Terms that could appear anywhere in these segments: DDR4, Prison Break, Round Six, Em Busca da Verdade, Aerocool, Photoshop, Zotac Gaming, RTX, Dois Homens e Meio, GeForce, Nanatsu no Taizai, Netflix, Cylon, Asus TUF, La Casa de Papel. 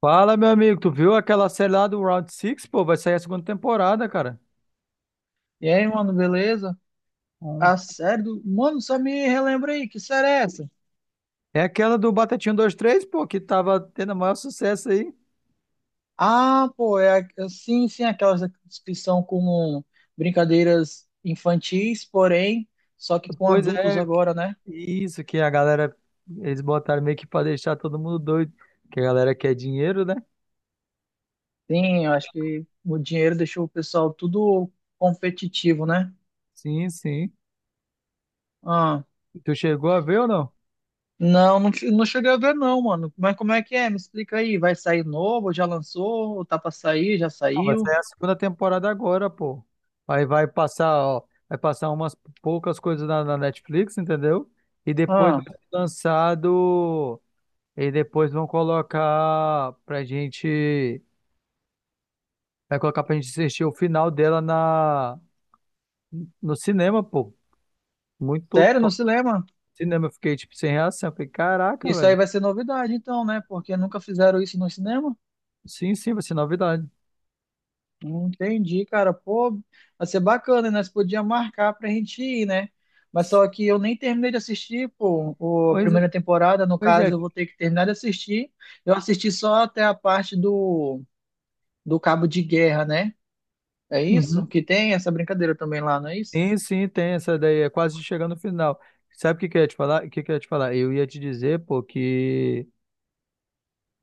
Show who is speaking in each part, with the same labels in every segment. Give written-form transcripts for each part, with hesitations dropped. Speaker 1: Fala, meu amigo, tu viu aquela série lá do Round Six, pô? Vai sair a segunda temporada, cara.
Speaker 2: E aí, mano, beleza?
Speaker 1: Bom,
Speaker 2: A série do... Mano, só me relembra aí, que série é essa?
Speaker 1: é aquela do Batatinha dois três, pô, que tava tendo o maior sucesso aí.
Speaker 2: Ah, pô, sim, sim, aquelas que são como brincadeiras infantis, porém, só que com
Speaker 1: Pois
Speaker 2: adultos
Speaker 1: é,
Speaker 2: agora, né?
Speaker 1: isso que a galera, eles botaram meio que pra deixar todo mundo doido, que a galera quer dinheiro, né?
Speaker 2: Sim, eu acho que o dinheiro deixou o pessoal tudo competitivo, né?
Speaker 1: Sim, sim.
Speaker 2: Ah,
Speaker 1: Tu chegou a ver ou não?
Speaker 2: não, não, não cheguei a ver não, mano. Mas como é que é? Me explica aí. Vai sair novo? Já lançou? Ou tá pra sair? Já
Speaker 1: Ah, vai
Speaker 2: saiu?
Speaker 1: sair a segunda temporada agora, pô. Aí vai passar, ó, vai passar umas poucas coisas na Netflix, entendeu? E depois vai
Speaker 2: Ah,
Speaker 1: ser lançado. E depois vão colocar pra gente. Vai colocar pra gente assistir o final dela na, no cinema, pô. Muito
Speaker 2: sério? No
Speaker 1: top.
Speaker 2: cinema?
Speaker 1: Cinema, eu fiquei tipo sem reação. Eu falei, caraca,
Speaker 2: Isso aí
Speaker 1: velho.
Speaker 2: vai ser novidade, então, né? Porque nunca fizeram isso no cinema.
Speaker 1: Sim, sim, vai ser novidade.
Speaker 2: Não entendi, cara. Pô, vai ser bacana, né? Nós podíamos marcar pra gente ir, né? Mas só que eu nem terminei de assistir, pô, a
Speaker 1: Pois é,
Speaker 2: primeira temporada. No
Speaker 1: pois
Speaker 2: caso,
Speaker 1: é.
Speaker 2: eu vou ter que terminar de assistir. Eu assisti só até a parte do cabo de guerra, né? É
Speaker 1: Uhum.
Speaker 2: isso? Que tem essa brincadeira também lá, não é isso?
Speaker 1: Sim, sim, tem essa daí. É quase chegando no final. Sabe o que que eu ia te falar? O que que eu ia te falar? Eu ia te dizer, pô, que.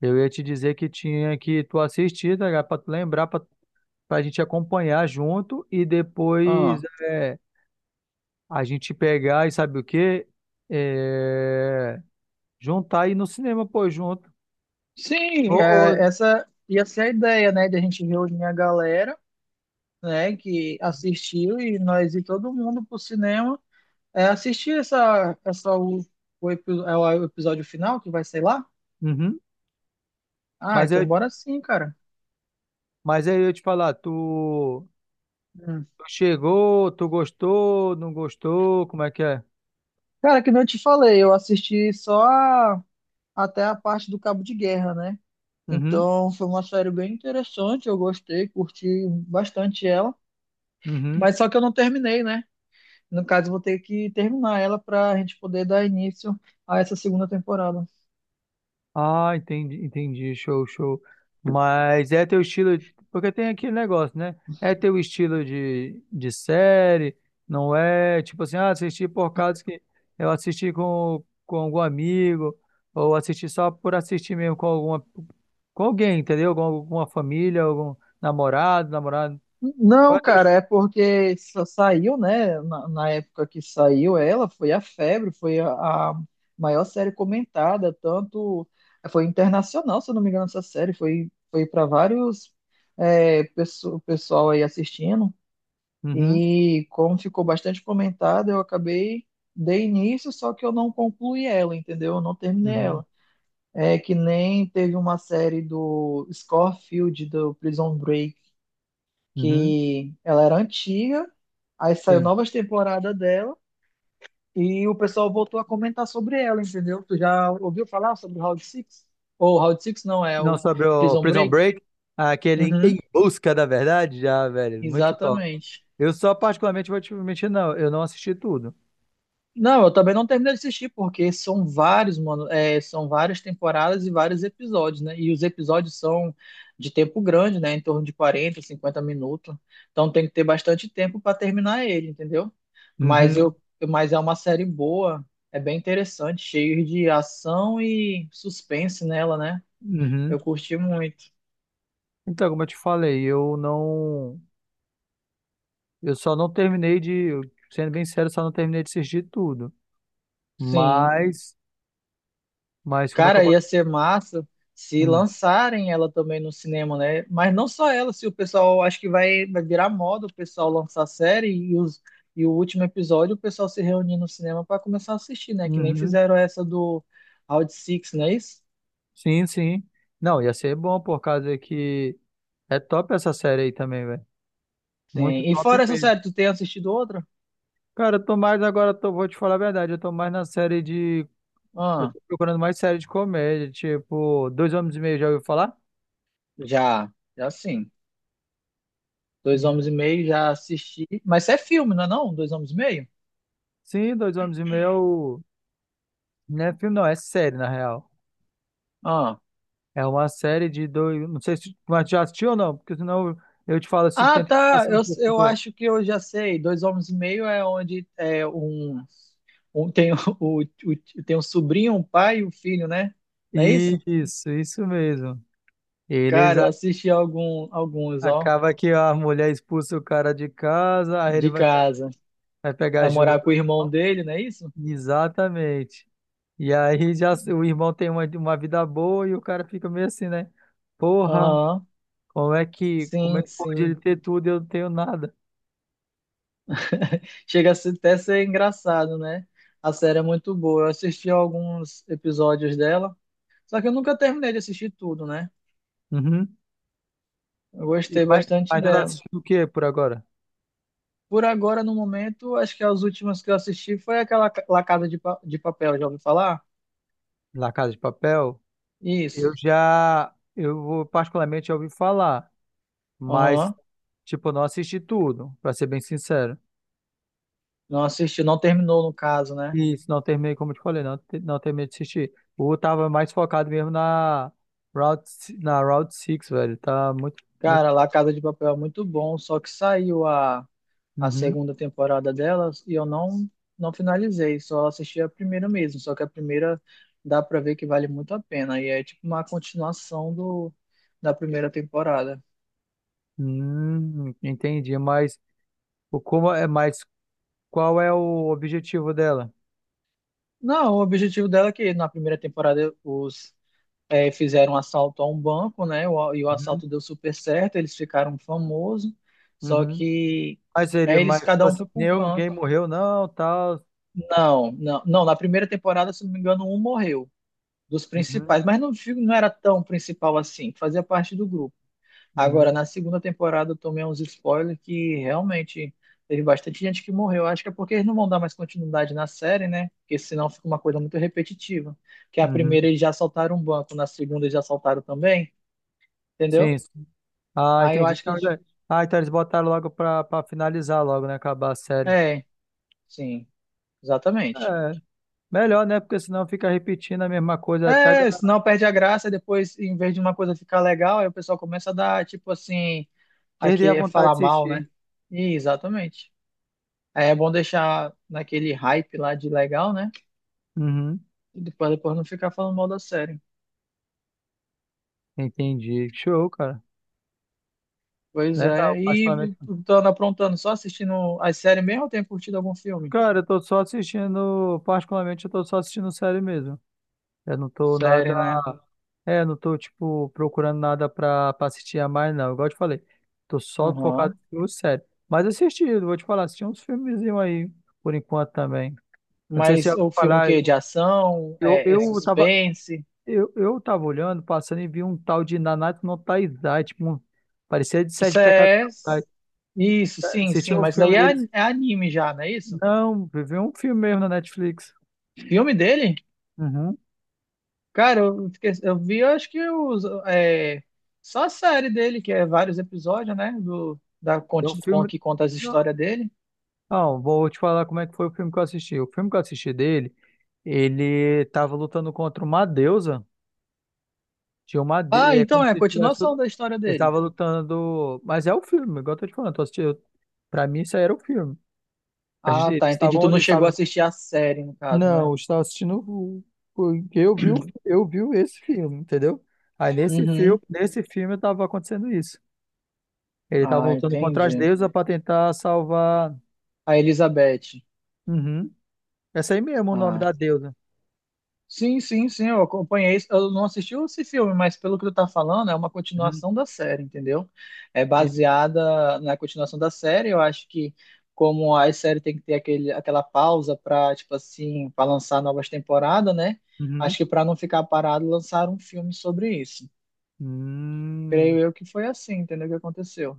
Speaker 1: Eu ia te dizer que tinha que tu assistir, tá ligado? Pra tu lembrar, pra, pra gente acompanhar junto e depois.
Speaker 2: Ah,
Speaker 1: A gente pegar e sabe o quê? É, juntar e ir no cinema, pô, junto. Ô,
Speaker 2: sim, é,
Speaker 1: ô,
Speaker 2: essa ia ser a ideia, né? De a gente reunir a galera, né? Que assistiu e nós ir todo mundo pro cinema. É, assistir essa é o episódio final que vai sair lá?
Speaker 1: uhum.
Speaker 2: Ah,
Speaker 1: Mas eu,
Speaker 2: então bora sim, cara.
Speaker 1: mas aí eu ia te falar, tu,
Speaker 2: Hum.
Speaker 1: tu chegou, tu gostou, não gostou, como é que é?
Speaker 2: Cara, que nem eu te falei, eu assisti só até a parte do Cabo de Guerra, né?
Speaker 1: Uhum,
Speaker 2: Então foi uma série bem interessante, eu gostei, curti bastante ela.
Speaker 1: uhum.
Speaker 2: Mas só que eu não terminei, né? No caso, eu vou ter que terminar ela pra gente poder dar início a essa segunda temporada.
Speaker 1: Ah, entendi, entendi, show, show. Mas é teu estilo, porque tem aquele negócio, né? É teu estilo de série, não é tipo assim, ah, assisti por causa que eu assisti com algum amigo, ou assisti só por assistir mesmo com alguma, com alguém, entendeu? Com alguma família, algum namorado, namorado. Qual é
Speaker 2: Não,
Speaker 1: teu
Speaker 2: cara,
Speaker 1: est-
Speaker 2: é porque só saiu, né? Na época que saiu ela, foi a febre, a maior série comentada, tanto foi internacional, se eu não me engano, essa série foi, foi para vários é, pessoal aí assistindo.
Speaker 1: Uhum,
Speaker 2: E como ficou bastante comentada, eu acabei dei início, só que eu não concluí ela, entendeu? Eu não terminei
Speaker 1: uhum,
Speaker 2: ela. É que nem teve uma série do Scofield do Prison Break
Speaker 1: uhum,
Speaker 2: que ela era antiga, aí saiu
Speaker 1: entendi.
Speaker 2: novas temporadas dela e o pessoal voltou a comentar sobre ela, entendeu? Tu já ouviu falar sobre o Round Six? Ou Round Six não, é
Speaker 1: Não,
Speaker 2: o
Speaker 1: sobre o
Speaker 2: Prison
Speaker 1: Prison
Speaker 2: Break?
Speaker 1: Break, aquele
Speaker 2: Uhum,
Speaker 1: Em Busca da Verdade, já, velho, muito top.
Speaker 2: exatamente.
Speaker 1: Eu só particularmente vou te mentir, não, eu não assisti tudo.
Speaker 2: Não, eu também não terminei de assistir, porque são vários, mano, é, são várias temporadas e vários episódios, né? E os episódios são de tempo grande, né? Em torno de 40, 50 minutos. Então tem que ter bastante tempo para terminar ele, entendeu? Mas
Speaker 1: Uhum,
Speaker 2: eu, mas é uma série boa, é bem interessante, cheio de ação e suspense nela, né?
Speaker 1: uhum.
Speaker 2: Eu curti muito.
Speaker 1: Então, como eu te falei, eu só não terminei de, sendo bem sério, só não terminei de assistir tudo.
Speaker 2: Sim.
Speaker 1: Mas, mas como é que eu
Speaker 2: Cara, ia
Speaker 1: posso?
Speaker 2: ser massa se
Speaker 1: Hum,
Speaker 2: lançarem ela também no cinema, né? Mas não só ela, se o pessoal acho que vai, vai virar moda o pessoal lançar a série e o último episódio o pessoal se reunir no cinema para começar a assistir, né? Que nem
Speaker 1: Uhum.
Speaker 2: fizeram essa do Round Six, não é isso?
Speaker 1: Sim, sim. Não, ia ser bom por causa que é top essa série aí também, velho. Muito
Speaker 2: Sim. E
Speaker 1: top
Speaker 2: fora essa
Speaker 1: mesmo.
Speaker 2: série, tu tem assistido outra?
Speaker 1: Cara, eu tô mais agora, tô, vou te falar a verdade, eu tô mais na série de eu
Speaker 2: Ah,
Speaker 1: tô procurando mais série de comédia, tipo, Dois Homens e Meio, já ouviu falar?
Speaker 2: já, já sim. Dois Homens e Meio já assisti. Mas isso é filme, não é não? Dois Homens e Meio?
Speaker 1: Sim, Dois Homens e Meio é o... Não é filme, não, é série, na real.
Speaker 2: Ah.
Speaker 1: É uma série de dois... Não sei se tu já assistiu ou não, porque senão eu te falo se
Speaker 2: Ah,
Speaker 1: tenta
Speaker 2: tá.
Speaker 1: passar um pouco
Speaker 2: Eu
Speaker 1: do...
Speaker 2: acho que eu já sei. Dois homens e meio é onde é um, um tem tem um sobrinho, um pai e um filho, né? Não é isso?
Speaker 1: Isso mesmo. Eles...
Speaker 2: Cara,
Speaker 1: a-
Speaker 2: eu assisti algum, alguns, ó,
Speaker 1: acaba que a mulher expulsa o cara de casa, aí ele
Speaker 2: de
Speaker 1: vai, pe-
Speaker 2: casa.
Speaker 1: vai pegar
Speaker 2: A
Speaker 1: ajuda
Speaker 2: morar
Speaker 1: do
Speaker 2: com o irmão
Speaker 1: irmão.
Speaker 2: dele, não é isso?
Speaker 1: Exatamente. E aí já s- o irmão tem uma vida boa e o cara fica meio assim, né? Porra,
Speaker 2: Aham.
Speaker 1: como é que, como é
Speaker 2: Sim,
Speaker 1: que pode
Speaker 2: sim.
Speaker 1: ele ter tudo e eu não tenho nada?
Speaker 2: Chega a ser- até ser engraçado, né? A série é muito boa. Eu assisti alguns episódios dela, só que eu nunca terminei de assistir tudo, né?
Speaker 1: Uhum.
Speaker 2: Eu
Speaker 1: E,
Speaker 2: gostei
Speaker 1: mas,
Speaker 2: bastante
Speaker 1: mas tu tá
Speaker 2: dela.
Speaker 1: assistindo o que por agora?
Speaker 2: Por agora, no momento, acho que as últimas que eu assisti foi aquela La Casa de Papel, já ouviu falar?
Speaker 1: La Casa de Papel? Eu
Speaker 2: Isso.
Speaker 1: já, eu vou- particularmente já ouvi falar, mas,
Speaker 2: Aham.
Speaker 1: tipo, eu não assisti tudo, pra ser bem sincero.
Speaker 2: Não assisti, não terminou no caso, né?
Speaker 1: E isso, não terminei, como eu te falei, não, te- não terminei de assistir. O tava mais focado mesmo na Route, si- na Route 6, velho. Tá muito, muito.
Speaker 2: Cara, La Casa de Papel é muito bom, só que saiu a
Speaker 1: Uhum.
Speaker 2: segunda temporada delas e eu não finalizei, só assisti a primeira mesmo. Só que a primeira dá pra ver que vale muito a pena e é tipo uma continuação da primeira temporada.
Speaker 1: Entendi, mas o como é, mas qual é o objetivo dela?
Speaker 2: Não, o objetivo dela é que na primeira temporada os é, fizeram um assalto a um banco, né? E o
Speaker 1: Uhum.
Speaker 2: assalto deu super certo, eles ficaram famosos, só
Speaker 1: Uhum.
Speaker 2: que
Speaker 1: Mas ele,
Speaker 2: aí eles
Speaker 1: mas
Speaker 2: cada
Speaker 1: tipo
Speaker 2: um
Speaker 1: assim,
Speaker 2: foi para um
Speaker 1: ninguém
Speaker 2: canto.
Speaker 1: morreu, não, tal.
Speaker 2: Não, não, não, na primeira temporada, se não me engano, um morreu dos
Speaker 1: Uhum,
Speaker 2: principais, mas não, não era tão principal assim, fazia parte do grupo. Agora,
Speaker 1: uhum,
Speaker 2: na segunda temporada, eu tomei uns spoilers que realmente teve bastante gente que morreu. Acho que é porque eles não vão dar mais continuidade na série, né? Porque senão fica uma coisa muito repetitiva. Que a primeira
Speaker 1: uhum.
Speaker 2: eles já assaltaram um banco, na segunda eles já assaltaram também, entendeu?
Speaker 1: Sim, sim. Ah,
Speaker 2: Aí eu
Speaker 1: entendi.
Speaker 2: acho que.
Speaker 1: Então, já- ah, então eles botaram logo pra, pra finalizar logo, né? Acabar a série.
Speaker 2: É, sim, exatamente.
Speaker 1: É, melhor, né? Porque senão fica repetindo a mesma coisa até a
Speaker 2: É,
Speaker 1: galera
Speaker 2: senão perde a graça e depois, em vez de uma coisa ficar legal, aí o pessoal começa a dar, tipo assim,
Speaker 1: perder a
Speaker 2: aqui é
Speaker 1: vontade
Speaker 2: falar
Speaker 1: de
Speaker 2: mal, né?
Speaker 1: assistir.
Speaker 2: E, exatamente. Aí é bom deixar naquele hype lá de legal, né?
Speaker 1: Uhum,
Speaker 2: E depois não ficar falando mal da série.
Speaker 1: entendi. Show, cara.
Speaker 2: Pois
Speaker 1: Legal,
Speaker 2: é. E
Speaker 1: particularmente.
Speaker 2: tu anda aprontando, só assistindo as séries mesmo ou tem curtido algum filme?
Speaker 1: Cara, eu tô só assistindo, particularmente eu tô só assistindo série mesmo. Eu não tô nada.
Speaker 2: Série, né?
Speaker 1: É, não tô, tipo, procurando nada pra assistir a mais, não. Igual eu te falei, tô só focado
Speaker 2: Aham.
Speaker 1: em filme sério. Mas assisti, eu vou te falar, assisti uns filmezinhos aí, por enquanto também. Não sei se já
Speaker 2: Mas
Speaker 1: ouviu
Speaker 2: o filme que
Speaker 1: falar,
Speaker 2: é de ação,
Speaker 1: eu,
Speaker 2: é
Speaker 1: eu tava,
Speaker 2: suspense.
Speaker 1: eu tava olhando, passando e vi um tal de Nanatsu no Taizai, tipo, um, parecia de
Speaker 2: Isso
Speaker 1: Sete Pecados
Speaker 2: é.
Speaker 1: Capitais.
Speaker 2: Isso, sim,
Speaker 1: Assisti
Speaker 2: sim.
Speaker 1: um
Speaker 2: Mas
Speaker 1: filme
Speaker 2: daí é,
Speaker 1: deles,
Speaker 2: é anime já, não é isso?
Speaker 1: não, vi um filme mesmo na Netflix.
Speaker 2: Filme dele?
Speaker 1: Uhum.
Speaker 2: Cara, eu, eu vi, eu acho que os, é, só a série dele, que é vários episódios, né? Do, da,
Speaker 1: É um
Speaker 2: conti- com-
Speaker 1: filme.
Speaker 2: que conta as histórias dele.
Speaker 1: Não, vou te falar como é que foi o filme que eu assisti. O filme que eu assisti dele, ele tava lutando contra uma deusa. Tinha uma
Speaker 2: Ah,
Speaker 1: de... É
Speaker 2: então
Speaker 1: como
Speaker 2: é a
Speaker 1: se tivesse... Ele
Speaker 2: continuação da história dele.
Speaker 1: estava lutando... Mas é o filme, igual eu tô te falando. Eu tô assistindo... Pra mim, isso aí era o filme. A gente...
Speaker 2: Ah, tá, entendi. Tu não
Speaker 1: Eles
Speaker 2: chegou a
Speaker 1: estavam...
Speaker 2: assistir a série, no caso,
Speaker 1: Não,
Speaker 2: né?
Speaker 1: eu estava assistindo... o- porque eu vi, o- eu vi esse filme, entendeu? Aí
Speaker 2: Uhum.
Speaker 1: nesse filme estava acontecendo isso. Ele estava
Speaker 2: Ah,
Speaker 1: lutando contra as
Speaker 2: entendi.
Speaker 1: deusas para tentar salvar...
Speaker 2: A Elizabeth.
Speaker 1: Uhum. Essa aí mesmo é o nome
Speaker 2: Ah.
Speaker 1: da deusa.
Speaker 2: Sim, sim, sim, eu acompanhei. Eu não assisti esse filme, mas pelo que tu tá falando, é uma
Speaker 1: Uhum.
Speaker 2: continuação da série, entendeu? É
Speaker 1: Sim.
Speaker 2: baseada na continuação da série. Eu acho que, como a série tem que ter aquele, aquela pausa para, tipo assim, para lançar novas temporadas, né?
Speaker 1: Uhum.
Speaker 2: Acho que para não ficar parado, lançaram um filme sobre isso.
Speaker 1: Hum,
Speaker 2: Creio eu que foi assim, entendeu? O que aconteceu.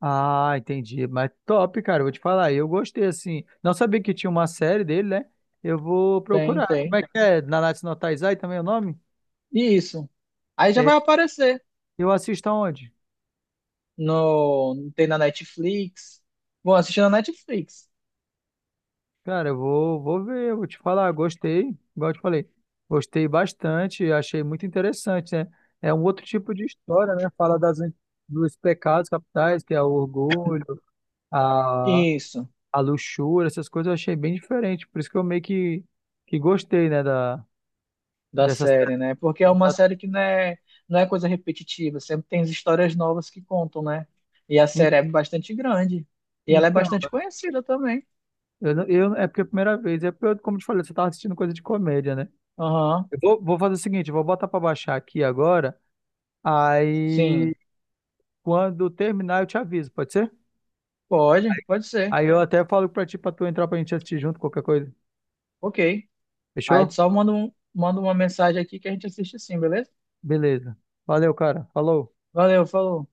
Speaker 1: ah, entendi. Mas top, cara. Eu vou te falar. Eu gostei, assim. Não sabia que tinha uma série dele, né? Eu vou
Speaker 2: Tem,
Speaker 1: procurar. Como
Speaker 2: tem.
Speaker 1: é que é? Nanatsu no Taizai também é o nome?
Speaker 2: E isso. Aí já vai
Speaker 1: É,
Speaker 2: aparecer
Speaker 1: eu assisto aonde?
Speaker 2: no, tem na Netflix. Bom, assistir na Netflix.
Speaker 1: Cara, eu vou, vou ver. Eu vou te falar. Gostei. Igual eu te falei. Gostei bastante. Achei muito interessante, né? É um outro tipo de história, né? Fala das, dos pecados capitais, que é o orgulho, a,
Speaker 2: Isso.
Speaker 1: a luxúria, essas coisas eu achei bem diferente. Por isso que eu meio que gostei, né?
Speaker 2: da
Speaker 1: Dessa série.
Speaker 2: série, né? Porque é
Speaker 1: Que
Speaker 2: uma
Speaker 1: tá?
Speaker 2: série que não é, não é coisa repetitiva, sempre tem as histórias novas que contam, né? E a
Speaker 1: En-
Speaker 2: série é bastante grande. E ela é
Speaker 1: então,
Speaker 2: bastante conhecida também.
Speaker 1: eu, não- eu- é porque é a primeira vez. É porque, eu, como eu te falei, você tava assistindo coisa de comédia, né?
Speaker 2: Aham,
Speaker 1: Eu vou, vou fazer o seguinte, eu vou botar pra baixar aqui agora.
Speaker 2: sim.
Speaker 1: Aí, quando terminar, eu te aviso, pode ser?
Speaker 2: Pode, pode ser.
Speaker 1: Aí eu até falo pra ti, pra tu entrar pra gente assistir junto, qualquer coisa.
Speaker 2: Ok. Aí tu
Speaker 1: Fechou?
Speaker 2: só manda uma mensagem aqui que a gente assiste sim, beleza?
Speaker 1: Beleza. Valeu, cara. Falou.
Speaker 2: Valeu, falou.